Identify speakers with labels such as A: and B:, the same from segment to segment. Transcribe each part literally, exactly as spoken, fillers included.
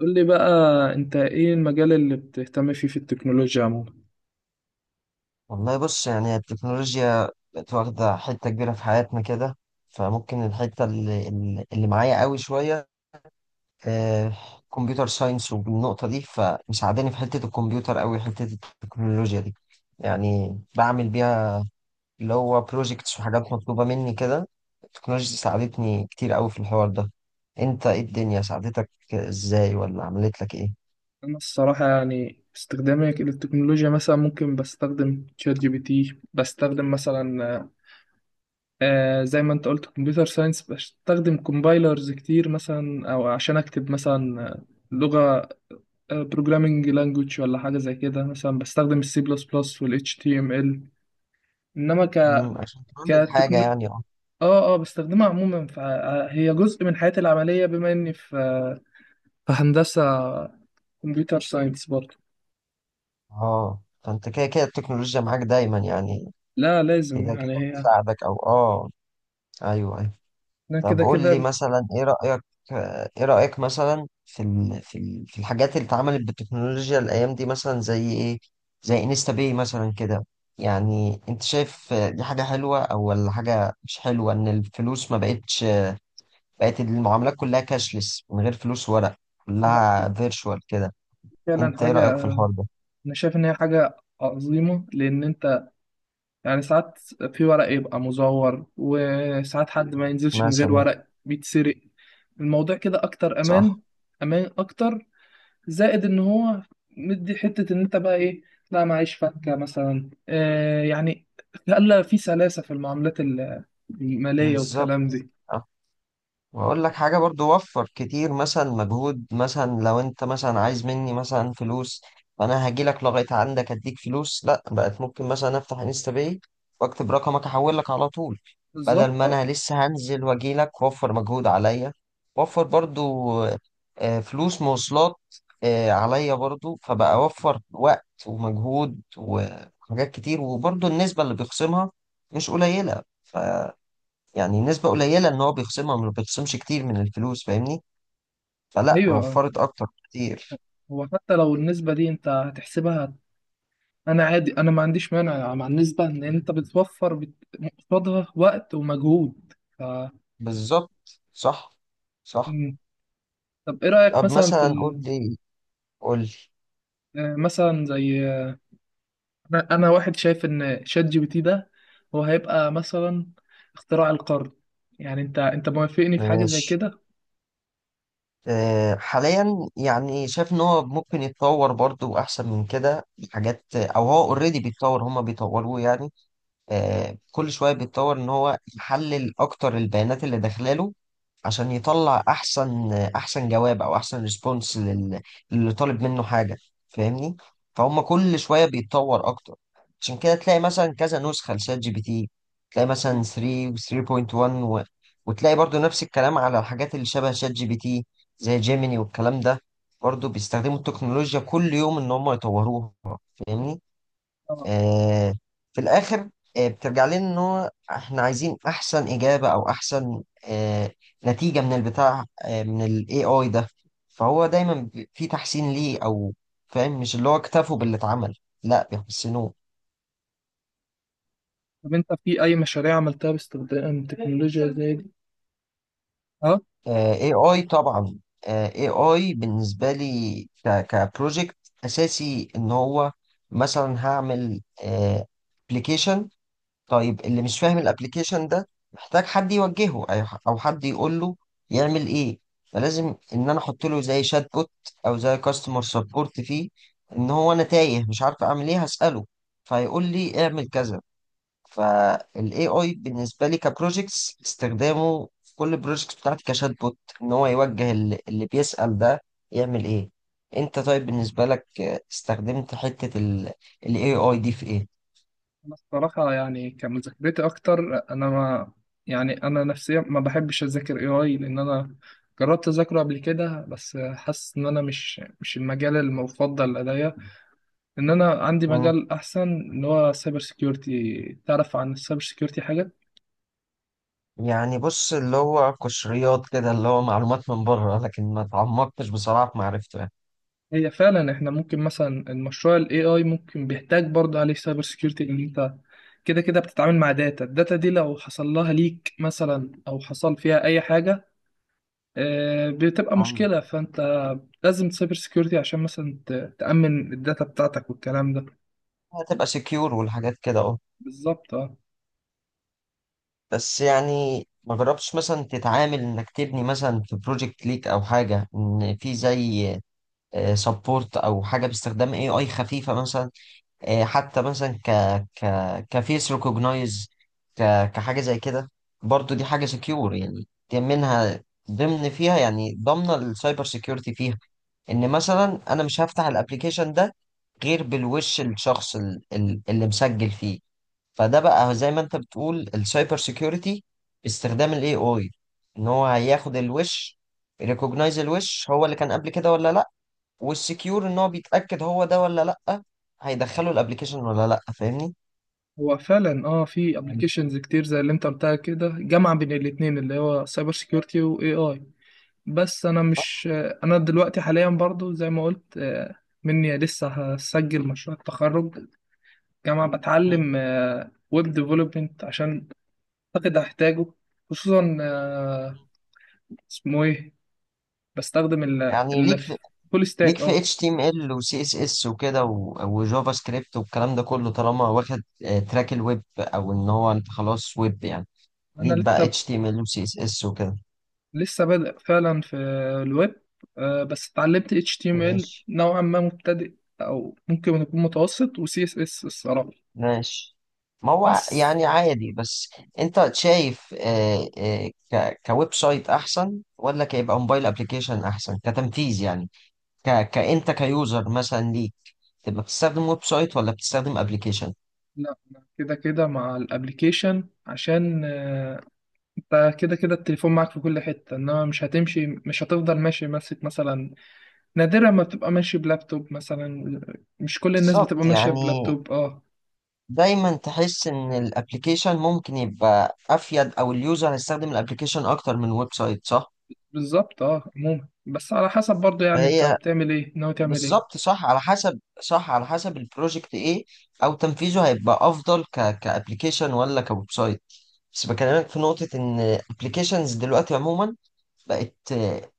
A: قول لي بقى، انت ايه المجال اللي بتهتم فيه في التكنولوجيا عموما؟
B: والله بص يعني التكنولوجيا بقت واخدة حتة كبيرة في حياتنا كده. فممكن الحتة اللي, اللي معايا قوي شوية. كمبيوتر ساينس والنقطة دي فمساعداني في حتة الكمبيوتر قوي حتة التكنولوجيا دي. يعني بعمل بيها اللي هو بروجيكتس وحاجات مطلوبة مني كده. التكنولوجيا ساعدتني كتير قوي في الحوار ده. انت ايه الدنيا ساعدتك ازاي ولا عملت لك ايه؟
A: انا الصراحة يعني استخدامي للتكنولوجيا مثلا ممكن بستخدم شات جي بي تي، بستخدم مثلا آه زي ما انت قلت كمبيوتر ساينس، بستخدم كومبايلرز كتير مثلا او عشان اكتب مثلا آه، لغة بروجرامينج لانجوج ولا حاجة زي كده، مثلا بستخدم السي بلس بلس والاتش تي ام ال، انما ك
B: مم، عشان تعمل حاجة
A: كتكنو...
B: يعني اه
A: اه اه بستخدمها عموما، فهي جزء من حياتي العملية بما اني في فهندسة كمبيوتر ساينس برضه.
B: اه فانت كده كده التكنولوجيا معاك دايما يعني.
A: لا لازم
B: كده
A: يعني
B: كده
A: هي.
B: بتساعدك او اه. ايوه ايوه.
A: لا
B: طب
A: كده
B: قول لي
A: كده.
B: مثلا ايه رأيك. ايه رأيك مثلا في ال... في ال... في الحاجات اللي اتعملت بالتكنولوجيا الايام دي مثلا زي ايه؟ زي انستا باي مثلا كده. يعني انت شايف دي حاجة حلوة او ولا حاجة مش حلوة ان الفلوس ما بقتش؟ بقت المعاملات كلها كاشلس من غير فلوس ورق،
A: لا،
B: كلها فيرتشوال كده.
A: فعلا
B: انت ايه
A: حاجة.
B: رأيك في الحوار ده؟
A: أنا شايف إن هي حاجة عظيمة، لأن أنت يعني ساعات في ورق يبقى مزور، وساعات حد ما ينزلش من غير
B: مثلا.
A: ورق بيتسرق. الموضوع كده أكتر
B: صح.
A: أمان. أمان أكتر، زائد إن هو مدي حتة إن أنت بقى إيه، لا معيش فكة مثلا آه يعني، خلى في سلاسة في المعاملات المالية والكلام
B: بالظبط.
A: دي.
B: واقول لك حاجه برضو وفر كتير مثلا مجهود، مثلا لو انت مثلا عايز مني مثلا فلوس، فانا هاجي لك لغايه عندك اديك فلوس. لا، بقت ممكن مثلا افتح انستا باي واكتب رقمك احول لك على طول. بدل
A: بالظبط
B: ما
A: آه،
B: انا لسه هنزل واجي لك وفر مجهود عليا. وفر برضو آه، فلوس مواصلات آه، عليا برضو، فبقى اوفر وقت ومجهود وحاجات كتير. وبرضو النسبه اللي بيخصمها مش قليله. يعني نسبة قليلة ان هو بيخصمها، ما بيخصمش كتير من الفلوس، فاهمني؟ فلا
A: أيوه.
B: وفرت اكتر كتير.
A: هو حتى لو النسبة دي انت هتحسبها، انا عادي، انا ما عنديش مانع مع النسبة ان انت بتوفر بت- قصادها وقت ومجهود ف...
B: بالظبط. صح. صح.
A: مم. طب ايه رأيك
B: طب
A: مثلا في
B: مثلا قول
A: ال...
B: لي، قول لي.
A: آه، مثلا زي آه، انا أنا واحد شايف ان شات جي بي تي ده هو هيبقى مثلا اختراع القرن. يعني انت انت موافقني في حاجة زي
B: ماشي.
A: كده؟
B: أه حاليا، يعني شايف ان هو ممكن يتطور برضو احسن من كده حاجات. او هو اوريدي بيتطور، هما بيطوروه يعني. أه كل شوية بيتطور ان هو يحلل اكتر البيانات اللي داخلاله عشان يطلع احسن احسن جواب او احسن ريسبونس لل... للي طالب منه حاجه، فاهمني؟ فهم كل شويه بيتطور اكتر. عشان كده تلاقي مثلا كذا نسخه لشات جي بي تي. تلاقي مثلا ثلاثة و ثلاثة فاصلة واحد و... وتلاقي برضو نفس الكلام على الحاجات اللي شبه شات جي بي تي زي جيميني والكلام ده. برضو بيستخدموا التكنولوجيا كل يوم ان هم يطوروها، فاهمني؟
A: اه.
B: آه، في الآخر آه، بترجع لنا إن هو إحنا عايزين أحسن إجابة أو أحسن آه، نتيجة من البتاع، آه، من ال إي آي ده. فهو دايما بي- في تحسين ليه، أو فاهم؟ مش اللي هو اكتفوا باللي اتعمل، لا بيحسنوه.
A: طب انت في اي مشاريع عملتها باستخدام تكنولوجيا زي دي؟ اه.
B: آه، إي آي طبعا. آه، إي آي بالنسبة لي كبروجكت أساسي إن هو مثلا هعمل أبلكيشن. طيب اللي مش فاهم الابليكيشن ده محتاج حد يوجهه أي- او حد يقول له يعمل ايه. فلازم ان انا احط له زي شات بوت او زي كاستمر سبورت فيه، ان هو انا تايه مش عارف اعمل ايه هساله فيقول لي اعمل كذا. فالاي اي بالنسبه لي كبروجكتس استخدامه في كل البروجكتس بتاعتي كشات بوت، ان هو يوجه اللي, اللي بيسال ده يعمل ايه. انت طيب بالنسبه لك آه، استخدمت حته الاي اي دي في ايه؟
A: أنا الصراحة يعني كمذاكرتي أكتر. أنا ما يعني أنا نفسيا ما بحبش أذاكر إيه آي، لأن أنا جربت أذاكره قبل كده، بس حاسس إن أنا مش مش المجال المفضل لدي، إن أنا عندي مجال أحسن اللي هو سايبر سيكيورتي. تعرف عن السايبر سيكيورتي حاجة؟
B: يعني بص اللي هو قشريات كده، اللي هو معلومات من بره، لكن ما اتعمقتش بصراحة في معرفته يعني.
A: هي فعلا، إحنا ممكن مثلا المشروع ال إيه آي ممكن بيحتاج برضه عليه سايبر سيكيورتي، إن أنت كده كده بتتعامل مع داتا، الداتا دي لو حصل لها ليك مثلا أو حصل فيها أي حاجة آه، بتبقى
B: ايوه،
A: مشكلة. فانت لازم سايبر سيكيورتي عشان مثلا ت- تأمن الداتا بتاعتك والكلام ده.
B: هتبقى سكيور والحاجات كده اه.
A: بالظبط اه.
B: بس يعني ما جربتش مثلا تتعامل انك تبني مثلا في بروجكت ليك او حاجة، ان في زي سبورت او حاجة باستخدام اي اي خفيفة مثلا. آه، حتى مثلا ك ك كفيس ريكوجنايز، ك كحاجة زي كده. برضو دي حاجة سكيور. يعني دي منها، ضمن فيها يعني ضمن السايبر سكيورتي فيها. ان مثلا انا مش هفتح الابليكيشن ده غير بالوش الشخص ال- ال- اللي مسجل فيه. فده بقى زي ما انت بتقول السايبر سيكيورتي باستخدام الاي اي، ان هو هياخد الوش، ريكوجنايز الوش هو اللي كان قبل كده ولا لا. والسكيور ان هو بيتاكد هو ده ولا لا، هيدخله الابليكيشن ولا لا، فاهمني؟
A: هو فعلا اه في ابلكيشنز كتير زي اللي انت قلتها كده، جامعة بين الاتنين اللي هو سايبر سيكيورتي واي اي. بس انا مش آه، انا دلوقتي حاليا برضو زي ما قلت آه، مني لسه هسجل مشروع التخرج جامعة
B: مم.
A: بتعلم ويب ديفلوبمنت، عشان اعتقد هحتاجه، خصوصا آه، اسمه ايه، بستخدم ال
B: يعني ليك
A: ال-
B: في
A: فول
B: ليك
A: ستاك.
B: في
A: اه.
B: اتش تي ام ال وسي اس اس وكده و- وجافا سكريبت والكلام ده كله طالما واخد آه، تراك الويب، او ان هو انت خلاص ويب يعني.
A: انا
B: ليك بقى
A: لسه،
B: H T M L و سي إس إس وكده.
A: لسه بادئ فعلا في الويب، آه، بس اتعلمت H T M L
B: ماشي.
A: نوعا ما مبتدئ او ممكن يكون متوسط، و سي إس إس الصراحة
B: ماشي. ما هو ع-
A: بس.
B: يعني عادي بس. انت شايف آه، آه، ك- كويب سايت احسن ولا كيبقى موبايل ابلكيشن احسن كتنفيذ يعني؟ ك كانت كيوزر مثلا ليك تبقى بتستخدم ويب سايت ولا بتستخدم ابلكيشن؟
A: لا أنا كده كده مع الابليكيشن، عشان آه، انت كده كده التليفون معاك في كل حتة، انما مش هتمشي مش هتفضل ماشي ماسك مثلا. نادرا ما بتبقى ماشي بلابتوب مثلا، مش كل الناس بتبقى
B: بالظبط
A: ماشية
B: يعني.
A: بلابتوب. اه.
B: دايما تحس ان الابلكيشن ممكن يبقى افيد، او اليوزر هيستخدم الابلكيشن اكتر من ويب سايت، صح.
A: بالظبط اه، عموما بس على حسب برضه، يعني انت
B: فهي
A: بتعمل ايه، ناوي تعمل ايه.
B: بالظبط صح، على حسب، صح على حسب البروجكت ايه او تنفيذه هيبقى افضل ك كابلكيشن ولا كويب سايت. بس بكلمك في نقطة ان ابلكيشنز دلوقتي عموما بقت بت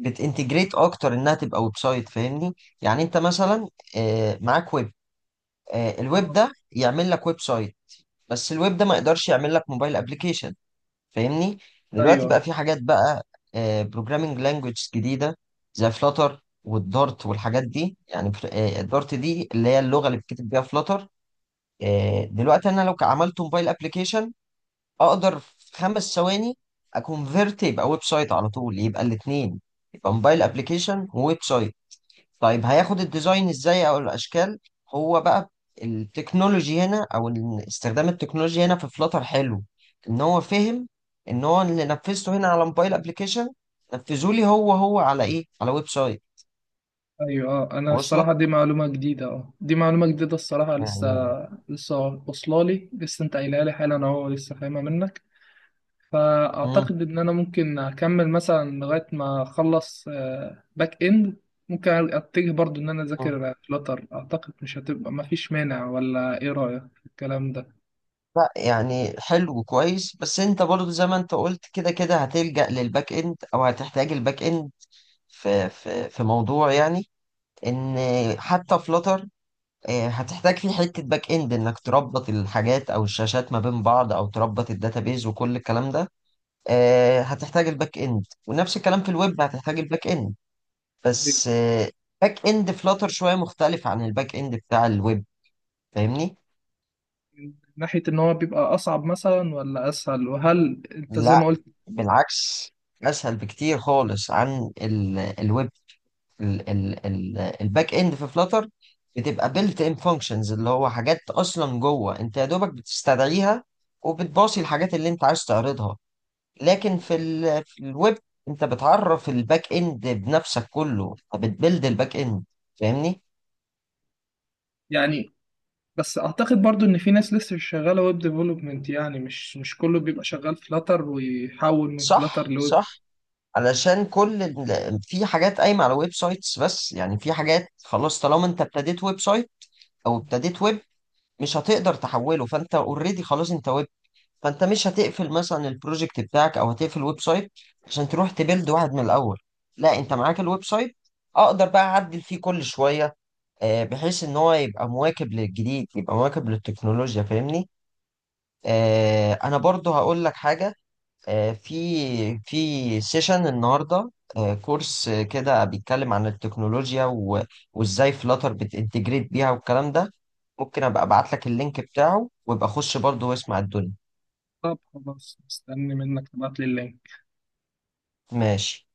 B: بتنتجريت اكتر انها تبقى ويب سايت، فاهمني؟ يعني انت مثلا آه، معاك ويب، آه، الويب
A: اه.
B: ده يعمل لك ويب سايت. بس الويب ده ما يقدرش يعمل لك موبايل ابلكيشن، فاهمني؟ دلوقتي بقى
A: ايوه
B: في حاجات بقى بروجرامينج لانجويج جديده زي فلاتر والدارت والحاجات دي يعني. الدارت دي اللي هي اللغه اللي بتكتب بيها فلاتر. دلوقتي انا لو عملت موبايل ابلكيشن اقدر في خمس ثواني اكونفيرت يبقى ويب سايت على طول، يبقى الاثنين، يبقى موبايل ابلكيشن وويب سايت. طيب هياخد الديزاين ازاي او الاشكال؟ هو بقى التكنولوجي هنا، او ال- استخدام التكنولوجي هنا في فلاتر حلو، ان هو فهم ان هو اللي نفذته هنا على موبايل ابلكيشن نفذه لي هو هو على ايه، على ويب سايت.
A: ايوه اه. انا
B: واصلك
A: الصراحه دي معلومه جديده، اه، دي معلومه جديده الصراحه. لسه
B: يعني؟
A: لسه واصله لي، لسه انت قايلها لي حالا اهو، لسه فاهمها منك.
B: مم.
A: فاعتقد ان انا ممكن اكمل مثلا لغايه ما اخلص آه، باك اند، ممكن اتجه برضو ان انا
B: مم.
A: اذاكر فلاتر. اعتقد مش هتبقى، ما فيش مانع. ولا ايه رايك في الكلام ده؟
B: لا يعني حلو كويس، بس انت برضو زي ما انت قلت كده كده هتلجأ للباك اند او هتحتاج الباك اند في في في موضوع يعني. ان حتى فلاتر آه، هتحتاج فيه حتة باك اند انك تربط الحاجات او الشاشات ما بين بعض او تربط الداتابيز وكل الكلام ده. آه، هتحتاج الباك اند، ونفس الكلام في الويب هتحتاج الباك اند.
A: أيوة.
B: بس آه، باك اند فلاتر شوية مختلف عن الباك اند بتاع الويب، فاهمني؟
A: من ناحيه ان هو بيبقى اصعب مثلا ولا اسهل، وهل انت زي
B: لا
A: ما قلت
B: بالعكس. اسهل بكتير خالص عن ال- الويب. ال- ال- ال- الباك اند في فلاتر بتبقى بيلت ان فانكشنز، اللي هو حاجات اصلا جوه انت يا دوبك بتستدعيها وبتباصي الحاجات اللي انت عايز تعرضها. لكن في ال... في الويب انت بتعرف الباك اند بنفسك كله، فبتبلد الباك اند، فاهمني؟
A: يعني. بس اعتقد برضو ان في ناس لسه مش شغاله ويب ديفلوبمنت، يعني مش مش كله بيبقى شغال فلاتر ويحول من فلاتر
B: صح.
A: لويب.
B: صح. علشان كل ال... في حاجات قايمه على ويب سايتس. بس يعني في حاجات خلاص طالما انت ابتديت ويب سايت او ابتديت ويب مش هتقدر تحوله، فانت اوريدي خلاص انت ويب. فانت مش هتقفل مثلا البروجكت بتاعك او هتقفل الويب سايت عشان تروح تبيلد واحد من الاول. لا، انت معاك الويب سايت، اقدر بقى اعدل فيه كل شويه آه، بحيث ان هو يبقى مواكب للجديد، يبقى مواكب للتكنولوجيا، فاهمني؟ آه، انا برضو هقول لك حاجة. آه، في في سيشن النهاردة آه، كورس آه، كده بيتكلم عن التكنولوجيا و- وازاي فلاتر بتنتجريت بيها والكلام ده. ممكن ابقى ابعت لك اللينك بتاعه وابقى خش برضو واسمع الدنيا.
A: طب خلاص، مستني منك تبعت لي اللينك.
B: ماشي.